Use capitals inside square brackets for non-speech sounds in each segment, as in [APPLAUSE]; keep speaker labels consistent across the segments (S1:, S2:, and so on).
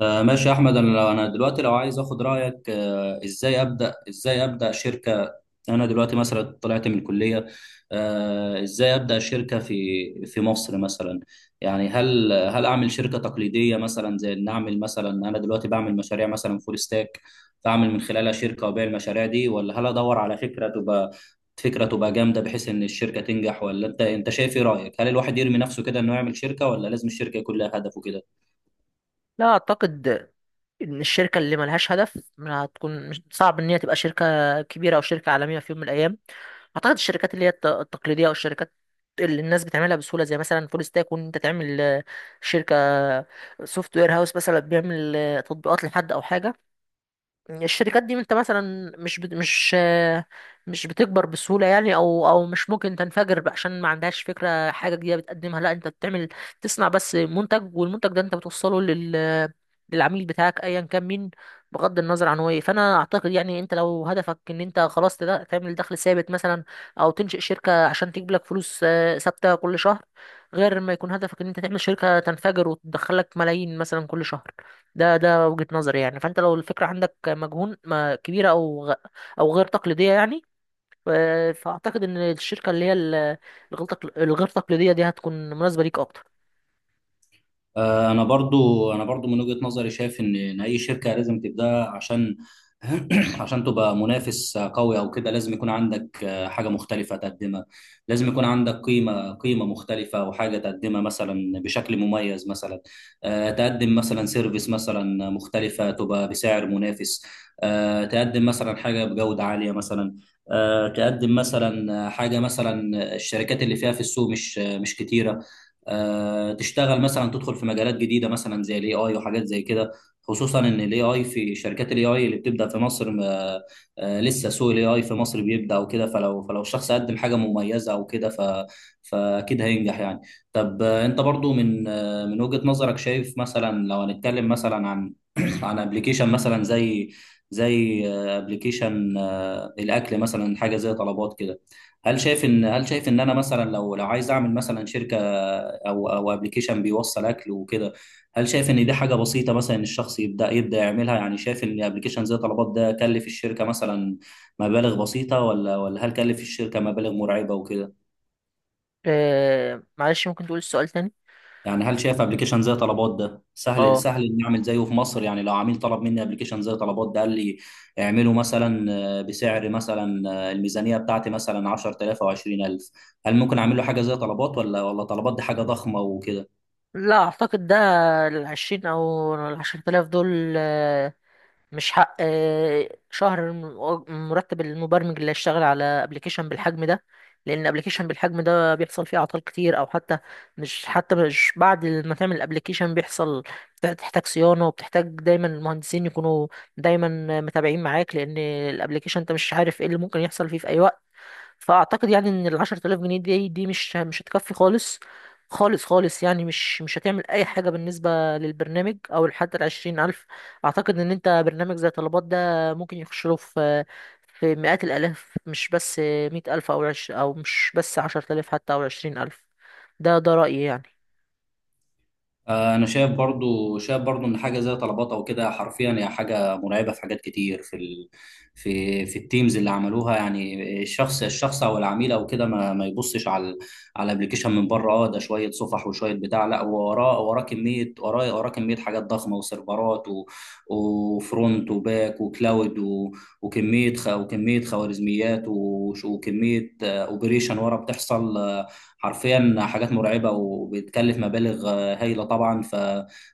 S1: ماشي يا احمد. انا دلوقتي لو عايز اخد رايك، ازاي ابدا شركه. انا دلوقتي مثلا طلعت من الكليه. ازاي ابدا شركه في مصر مثلا؟ يعني هل اعمل شركه تقليديه مثلا، زي ان اعمل مثلا انا دلوقتي بعمل مشاريع مثلا فول ستاك، فاعمل من خلالها شركه وابيع المشاريع دي، ولا هل ادور على فكره تبقى جامده بحيث ان الشركه تنجح؟ ولا انت شايف ايه رايك؟ هل الواحد يرمي نفسه كده انه يعمل شركه، ولا لازم الشركه يكون لها هدف وكده؟
S2: لا اعتقد ان الشركه اللي ملهاش هدف ما هتكون، مش صعب ان هي تبقى شركه كبيره او شركه عالميه في يوم من الايام. اعتقد الشركات اللي هي التقليديه، او الشركات اللي الناس بتعملها بسهوله، زي مثلا فول ستاك، وان انت تعمل شركه سوفت وير هاوس، مثلا بيعمل تطبيقات لحد او حاجه. الشركات دي انت مثلا مش بت... مش آه، مش بتكبر بسهولة يعني، او مش ممكن تنفجر بقى عشان ما عندهاش فكرة حاجة جديدة بتقدمها، لا انت بتعمل تصنع بس منتج، والمنتج ده انت بتوصله للعميل بتاعك ايا كان مين، بغض النظر عن هو ايه. فانا اعتقد يعني، انت لو هدفك ان انت خلاص تعمل دخل ثابت مثلا، او تنشئ شركة عشان تجيب لك فلوس ثابتة كل شهر، غير ما يكون هدفك ان انت تعمل شركة تنفجر وتدخلك ملايين مثلا كل شهر. ده وجهة نظري يعني. فانت لو الفكرة عندك مجهون ما كبيرة، او غير تقليدية يعني، ف- فاعتقد ان الشركة اللي هي الغير تقليدية دي هتكون مناسبة ليك اكتر.
S1: انا برضو من وجهة نظري شايف ان اي شركة لازم تبدأ. عشان [CLEARS THROAT] عشان تبقى منافس قوي او كده، لازم يكون عندك حاجة مختلفة تقدمها. لازم يكون عندك قيمة مختلفة، وحاجة تقدمها مثلا بشكل مميز. مثلا تقدم مثلا سيرفيس مثلا مختلفة تبقى بسعر منافس، تقدم مثلا حاجة بجودة عالية مثلا، تقدم مثلا حاجة مثلا الشركات اللي فيها في السوق مش كتيرة، تشتغل مثلا تدخل في مجالات جديده مثلا زي الاي اي وحاجات زي كده. خصوصا ان الاي اي، في شركات الاي اي اللي بتبدا في مصر، ما لسه سوق الاي اي في مصر بيبدا وكده. فلو الشخص قدم حاجه مميزه او كده، فاكيد هينجح يعني. طب، انت برضو من من وجهه نظرك شايف مثلا، لو هنتكلم مثلا عن [CLEARS THROAT] عن ابلكيشن مثلا زي ابلكيشن الاكل مثلا، حاجه زي طلبات كده، هل شايف ان انا مثلا، لو عايز اعمل مثلا شركه، او ابلكيشن بيوصل اكل وكده، هل شايف ان دي حاجه بسيطه مثلا، ان الشخص يبدا يعملها؟ يعني شايف ان ابلكيشن زي طلبات ده كلف الشركه مثلا مبالغ بسيطه؟ ولا هل كلف الشركه مبالغ مرعبه وكده؟
S2: معلش، ممكن تقول السؤال تاني؟
S1: يعني هل شايف ابلكيشن زي طلبات ده سهل
S2: اه.
S1: سهل اني اعمل زيه في مصر؟ يعني لو عميل طلب مني ابلكيشن زي طلبات ده، قال لي اعمله مثلا بسعر مثلا، الميزانيه بتاعتي مثلا 10,000 او 20,000، هل ممكن اعمل له حاجه زي طلبات؟ ولا طلبات دي حاجه ضخمه وكده؟
S2: لا اعتقد ده. العشرين او العشرة آلاف دول مش حق شهر، مرتب المبرمج اللي هيشتغل على ابلكيشن بالحجم ده. لان ابلكيشن بالحجم ده بيحصل فيه اعطال كتير، او حتى مش بعد ما تعمل الابلكيشن بيحصل، بتحتاج صيانه، وبتحتاج دايما المهندسين يكونوا دايما متابعين معاك، لان الابلكيشن انت مش عارف ايه اللي ممكن يحصل فيه في اي وقت. فاعتقد يعني ان ال 10,000 جنيه دي مش هتكفي خالص خالص خالص، يعني مش هتعمل اي حاجه بالنسبه للبرنامج، او حتى ال 20,000. اعتقد ان انت برنامج زي طلبات ده ممكن يخش له في مئات الالاف، مش بس 100,000، او مش بس 10,000 حتى، او 20,000. ده رايي يعني.
S1: انا شايف برضو، ان حاجه زي طلبات او كده حرفيا هي حاجه مرعبه في حاجات كتير في التيمز اللي عملوها. يعني الشخص او العميل او كده، ما يبصش على الابلكيشن من بره. اه ده شويه صفح وشويه بتاع، لا وراه كميه وراه كميه حاجات ضخمه وسيرفرات وفرونت وباك وكلاود وكميه خوارزميات وكميه اوبريشن ورا بتحصل. حرفيا حاجات مرعبه وبتكلف مبالغ هايله طبعا.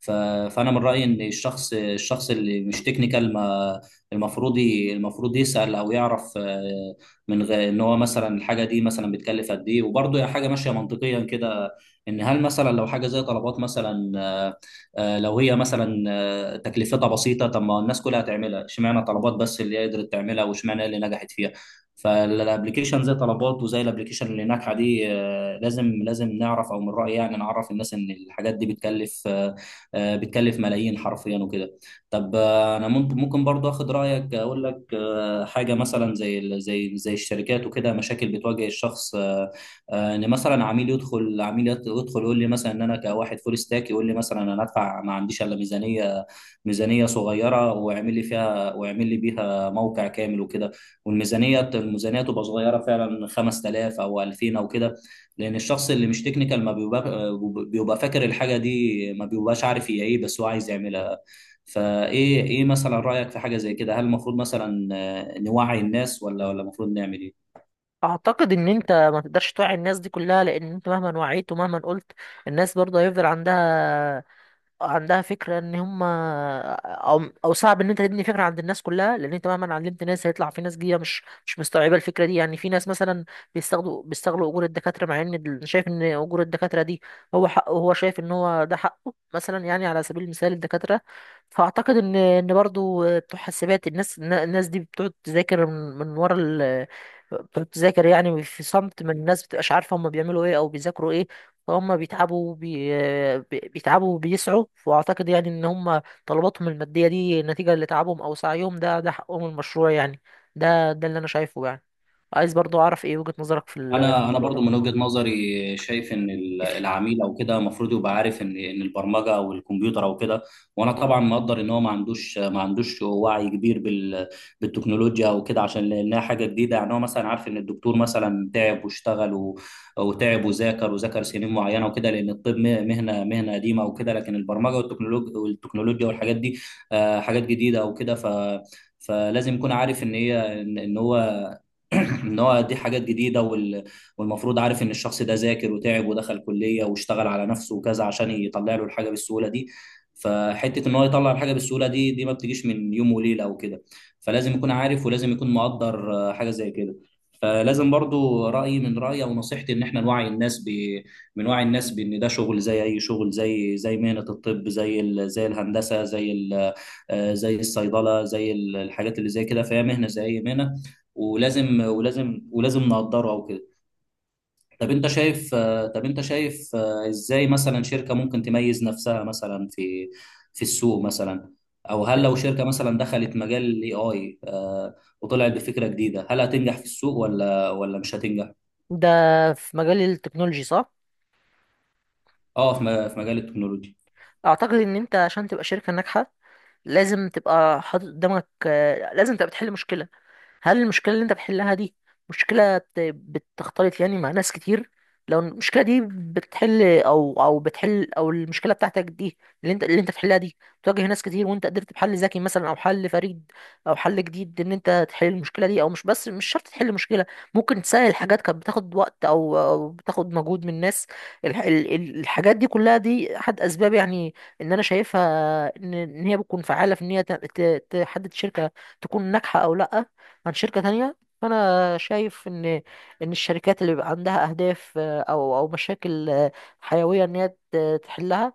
S1: ف... فانا من رايي ان الشخص اللي مش تكنيكال، ما المفروض يسال او يعرف من غير ان هو مثلا الحاجه دي مثلا بتكلف قد ايه. وبرده حاجه ماشيه منطقيا كده، ان هل مثلا لو حاجه زي طلبات مثلا، لو هي مثلا تكلفتها بسيطه، طب ما الناس كلها تعملها؟ اشمعنى طلبات بس اللي هي قدرت تعملها، واشمعنى هي اللي نجحت فيها؟ فالابلكيشن زي طلبات وزي الابلكيشن اللي ناجحه دي، آه، لازم نعرف، او من رايي يعني نعرف الناس ان الحاجات دي بتكلف، بتكلف ملايين حرفيا وكده. طب، انا ممكن برضه اخد رايك، اقول لك حاجه مثلا زي الشركات وكده، مشاكل بتواجه الشخص. ان مثلا عميل يدخل عميل يت- يدخل يقول لي مثلا، ان انا كواحد فول ستاك يقول لي مثلا انا ادفع ما عنديش الا ميزانيه صغيره واعمل لي فيها، واعمل لي بيها موقع كامل وكده. والميزانيه تبقى صغيره فعلا، 5000 او 2000 او كده، لان الشخص اللي مش تكنيكال، ما بيبقى فاكر الحاجه دي. ما بيبقاش عارف هي ايه، بس هو عايز يعملها. فايه ايه مثلا رايك في حاجه زي كده؟ هل المفروض مثلا نوعي الناس؟ ولا المفروض نعمل ايه؟
S2: اعتقد ان انت ما تقدرش توعي الناس دي كلها، لان انت مهما وعيت ومهما قلت، الناس برضه هيفضل عندها فكرة ان هم، او صعب ان انت تبني فكرة عند الناس كلها، لان انت مهما علمت ناس هيطلع في ناس جديدة مش مستوعبة الفكرة دي. يعني في ناس مثلا بيستغلوا اجور الدكاترة، مع ان شايف ان اجور الدكاترة دي هو حقه، هو شايف ان هو ده حقه مثلا، يعني على سبيل المثال الدكاترة. فاعتقد ان برضو بتوع حاسبات، الناس دي بتقعد تذاكر من من ورا ال بتقعد تذاكر يعني في صمت، من الناس بتبقاش عارفة هم بيعملوا ايه او بيذاكروا ايه. فهم بيتعبوا وبيسعوا، واعتقد يعني ان هم طلباتهم الماديه دي نتيجه لتعبهم او سعيهم، ده حقهم المشروع يعني. ده اللي انا شايفه يعني. عايز برضو اعرف ايه وجهه نظرك في
S1: انا
S2: الموضوع
S1: برضو
S2: ده؟
S1: من وجهة نظري شايف العميل او كده المفروض يبقى عارف ان البرمجه او الكمبيوتر او كده. وانا طبعا مقدر ان هو ما عندوش وعي كبير بالتكنولوجيا او كده، عشان لانها حاجه جديده يعني. هو مثلا عارف ان الدكتور مثلا تعب واشتغل وتعب وذاكر سنين معينه وكده، لان الطب مهنه قديمه وكده. لكن البرمجه والتكنولوجيا والحاجات دي حاجات جديده او كده. فلازم يكون عارف ان هي ان إن هو [CLEARS THROAT] ان هو دي حاجات جديده والمفروض عارف ان الشخص ده ذاكر وتعب ودخل كليه واشتغل على نفسه وكذا عشان يطلع له الحاجه بالسهوله دي. فحته ان هو يطلع الحاجه بالسهوله دي، دي ما بتجيش من يوم وليله او كده. فلازم يكون عارف، ولازم يكون مقدر حاجه زي كده. فلازم برضو، من رأيي أو نصيحتي إن إحنا نوعي الناس من وعي الناس بإن ده شغل زي أي شغل، زي مهنة الطب، زي الهندسة، زي الصيدلة، الحاجات اللي زي كده، فهي مهنة زي أي مهنة، ولازم نقدره او كده. طب انت شايف ازاي مثلا شركة ممكن تميز نفسها مثلا في في السوق مثلا؟ او هل لو شركة مثلا دخلت مجال الاي اي، وطلعت بفكرة جديدة، هل هتنجح في السوق، ولا مش هتنجح؟
S2: ده في مجال التكنولوجي صح؟
S1: اه، في في مجال التكنولوجيا.
S2: اعتقد ان انت عشان تبقى شركه ناجحه، لازم تبقى حاطط قدامك، لازم تبقى بتحل مشكله. هل المشكلة اللي انت بتحلها دي مشكلة بتختلط يعني مع ناس كتير؟ لو المشكلة دي بتحل، او المشكلة بتاعتك دي اللي انت بتحلها دي بتواجه ناس كتير، وانت قدرت بحل ذكي مثلا، او حل فريد، او حل جديد، ان انت تحل المشكلة دي، او مش بس، مش شرط تحل مشكلة، ممكن تسهل حاجات كانت بتاخد وقت او بتاخد مجهود من الناس. الحاجات دي كلها دي احد اسباب يعني ان انا شايفها، إن هي بتكون فعالة في ان هي تحدد شركة تكون ناجحة او لا عن شركة تانية. فأنا شايف إن الشركات اللي بيبقى عندها أهداف، أو مشاكل حيوية إن هي تحلها،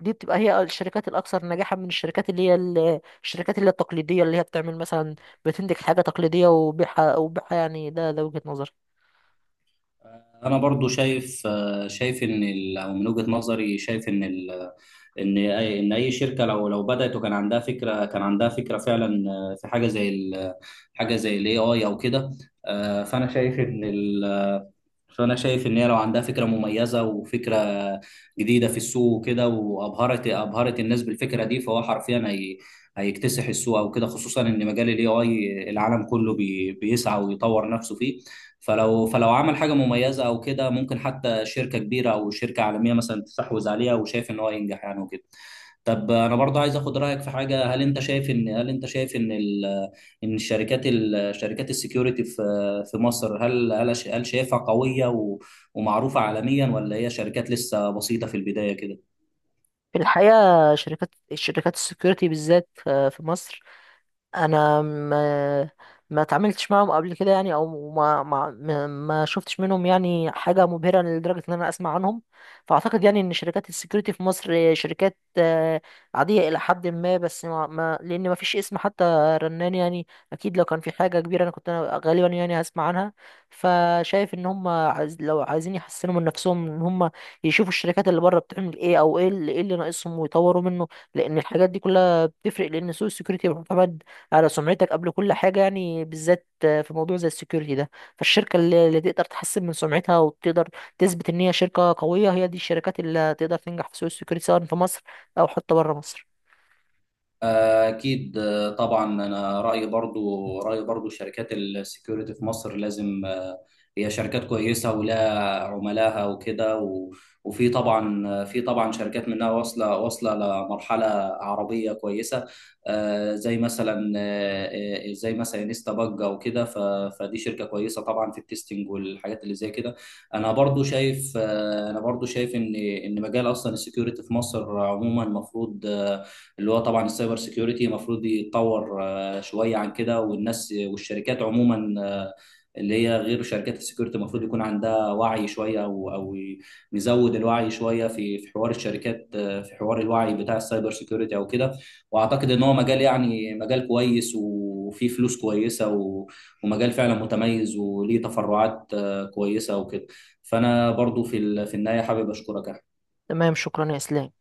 S2: دي بتبقى هي الشركات الأكثر نجاحا من الشركات اللي هي الشركات اللي هي التقليدية، اللي هي بتعمل مثلا، بتنتج حاجة تقليدية وبيعها يعني. ده وجهة نظري.
S1: انا برضو شايف او من وجهة نظري شايف ان اي شركه، لو بدات وكان عندها فكره، فعلا في حاجه حاجه زي الاي اي او كده، آه، فانا شايف ان ال- فانا شايف ان هي لو عندها فكره مميزه وفكره جديده في السوق وكده، ابهرت الناس بالفكره دي، فهو حرفيا هي هيكتسح السوق او كده، خصوصا ان مجال الاي اي العالم كله بيسعى ويطور نفسه فيه. فلو عمل حاجه مميزه او كده، ممكن حتى شركه كبيره او شركه عالميه مثلا تستحوذ عليها، وشايف ان هو ينجح يعني وكده. طب انا برضه عايز اخد رايك في حاجه. هل انت شايف ان الشركات، شركات السكيورتي في مصر، هل شايفها قوية ومعروفة عالميا، ولا هي شركات لسه بسيطة في البداية كده؟
S2: في الحقيقة الشركات السكيورتي بالذات في مصر، انا ما اتعاملتش معاهم قبل كده يعني، او ما شفتش منهم يعني حاجه مبهره لدرجه ان انا اسمع عنهم. فاعتقد يعني ان شركات السكيورتي في مصر شركات عاديه الى حد ما، بس لان ما فيش اسم حتى رنان يعني. اكيد لو كان في حاجه كبيره، انا كنت انا غالبا يعني هسمع عنها. فشايف ان هم لو عايزين يحسنوا من نفسهم، ان هم يشوفوا الشركات اللي بره بتعمل ايه، او إيه اللي ناقصهم، ويطوروا منه. لان الحاجات دي كلها بتفرق، لان سوق السكيورتي معتمد على سمعتك قبل كل حاجة يعني، بالذات في موضوع زي السكيورتي ده. فالشركة اللي تقدر تحسن من سمعتها، وتقدر تثبت إن هي شركة قوية، هي دي الشركات اللي تقدر تنجح في سوق السكيورتي، سواء في مصر أو حتى بره مصر.
S1: أكيد، طبعا. أنا رأيي، برضو شركات السكيورتي في مصر، لازم هي شركات كويسة ولها عملاها وكده. وفي طبعا آه، في طبعا شركات منها واصلة لمرحلة عربية كويسة، زي مثلا انستا باج أو كده. فدي شركة كويسة طبعا في التستنج والحاجات اللي زي كده. أنا برضو شايف إن مجال أصلا السكيورتي في مصر عموما، المفروض اللي هو طبعا السايبر سيكيورتي، المفروض يتطور شويه عن كده. والناس والشركات عموما اللي هي غير شركات السكيورتي، المفروض يكون عندها وعي شويه، او نزود الوعي شويه في حوار الشركات، في حوار الوعي بتاع السايبر سيكيورتي او كده. واعتقد ان هو مجال يعني مجال كويس، وفيه فلوس كويسه، ومجال فعلا متميز، وليه تفرعات كويسه وكده. فانا برضو في النهايه حابب اشكرك يا
S2: تمام، شكرا يا إسلام.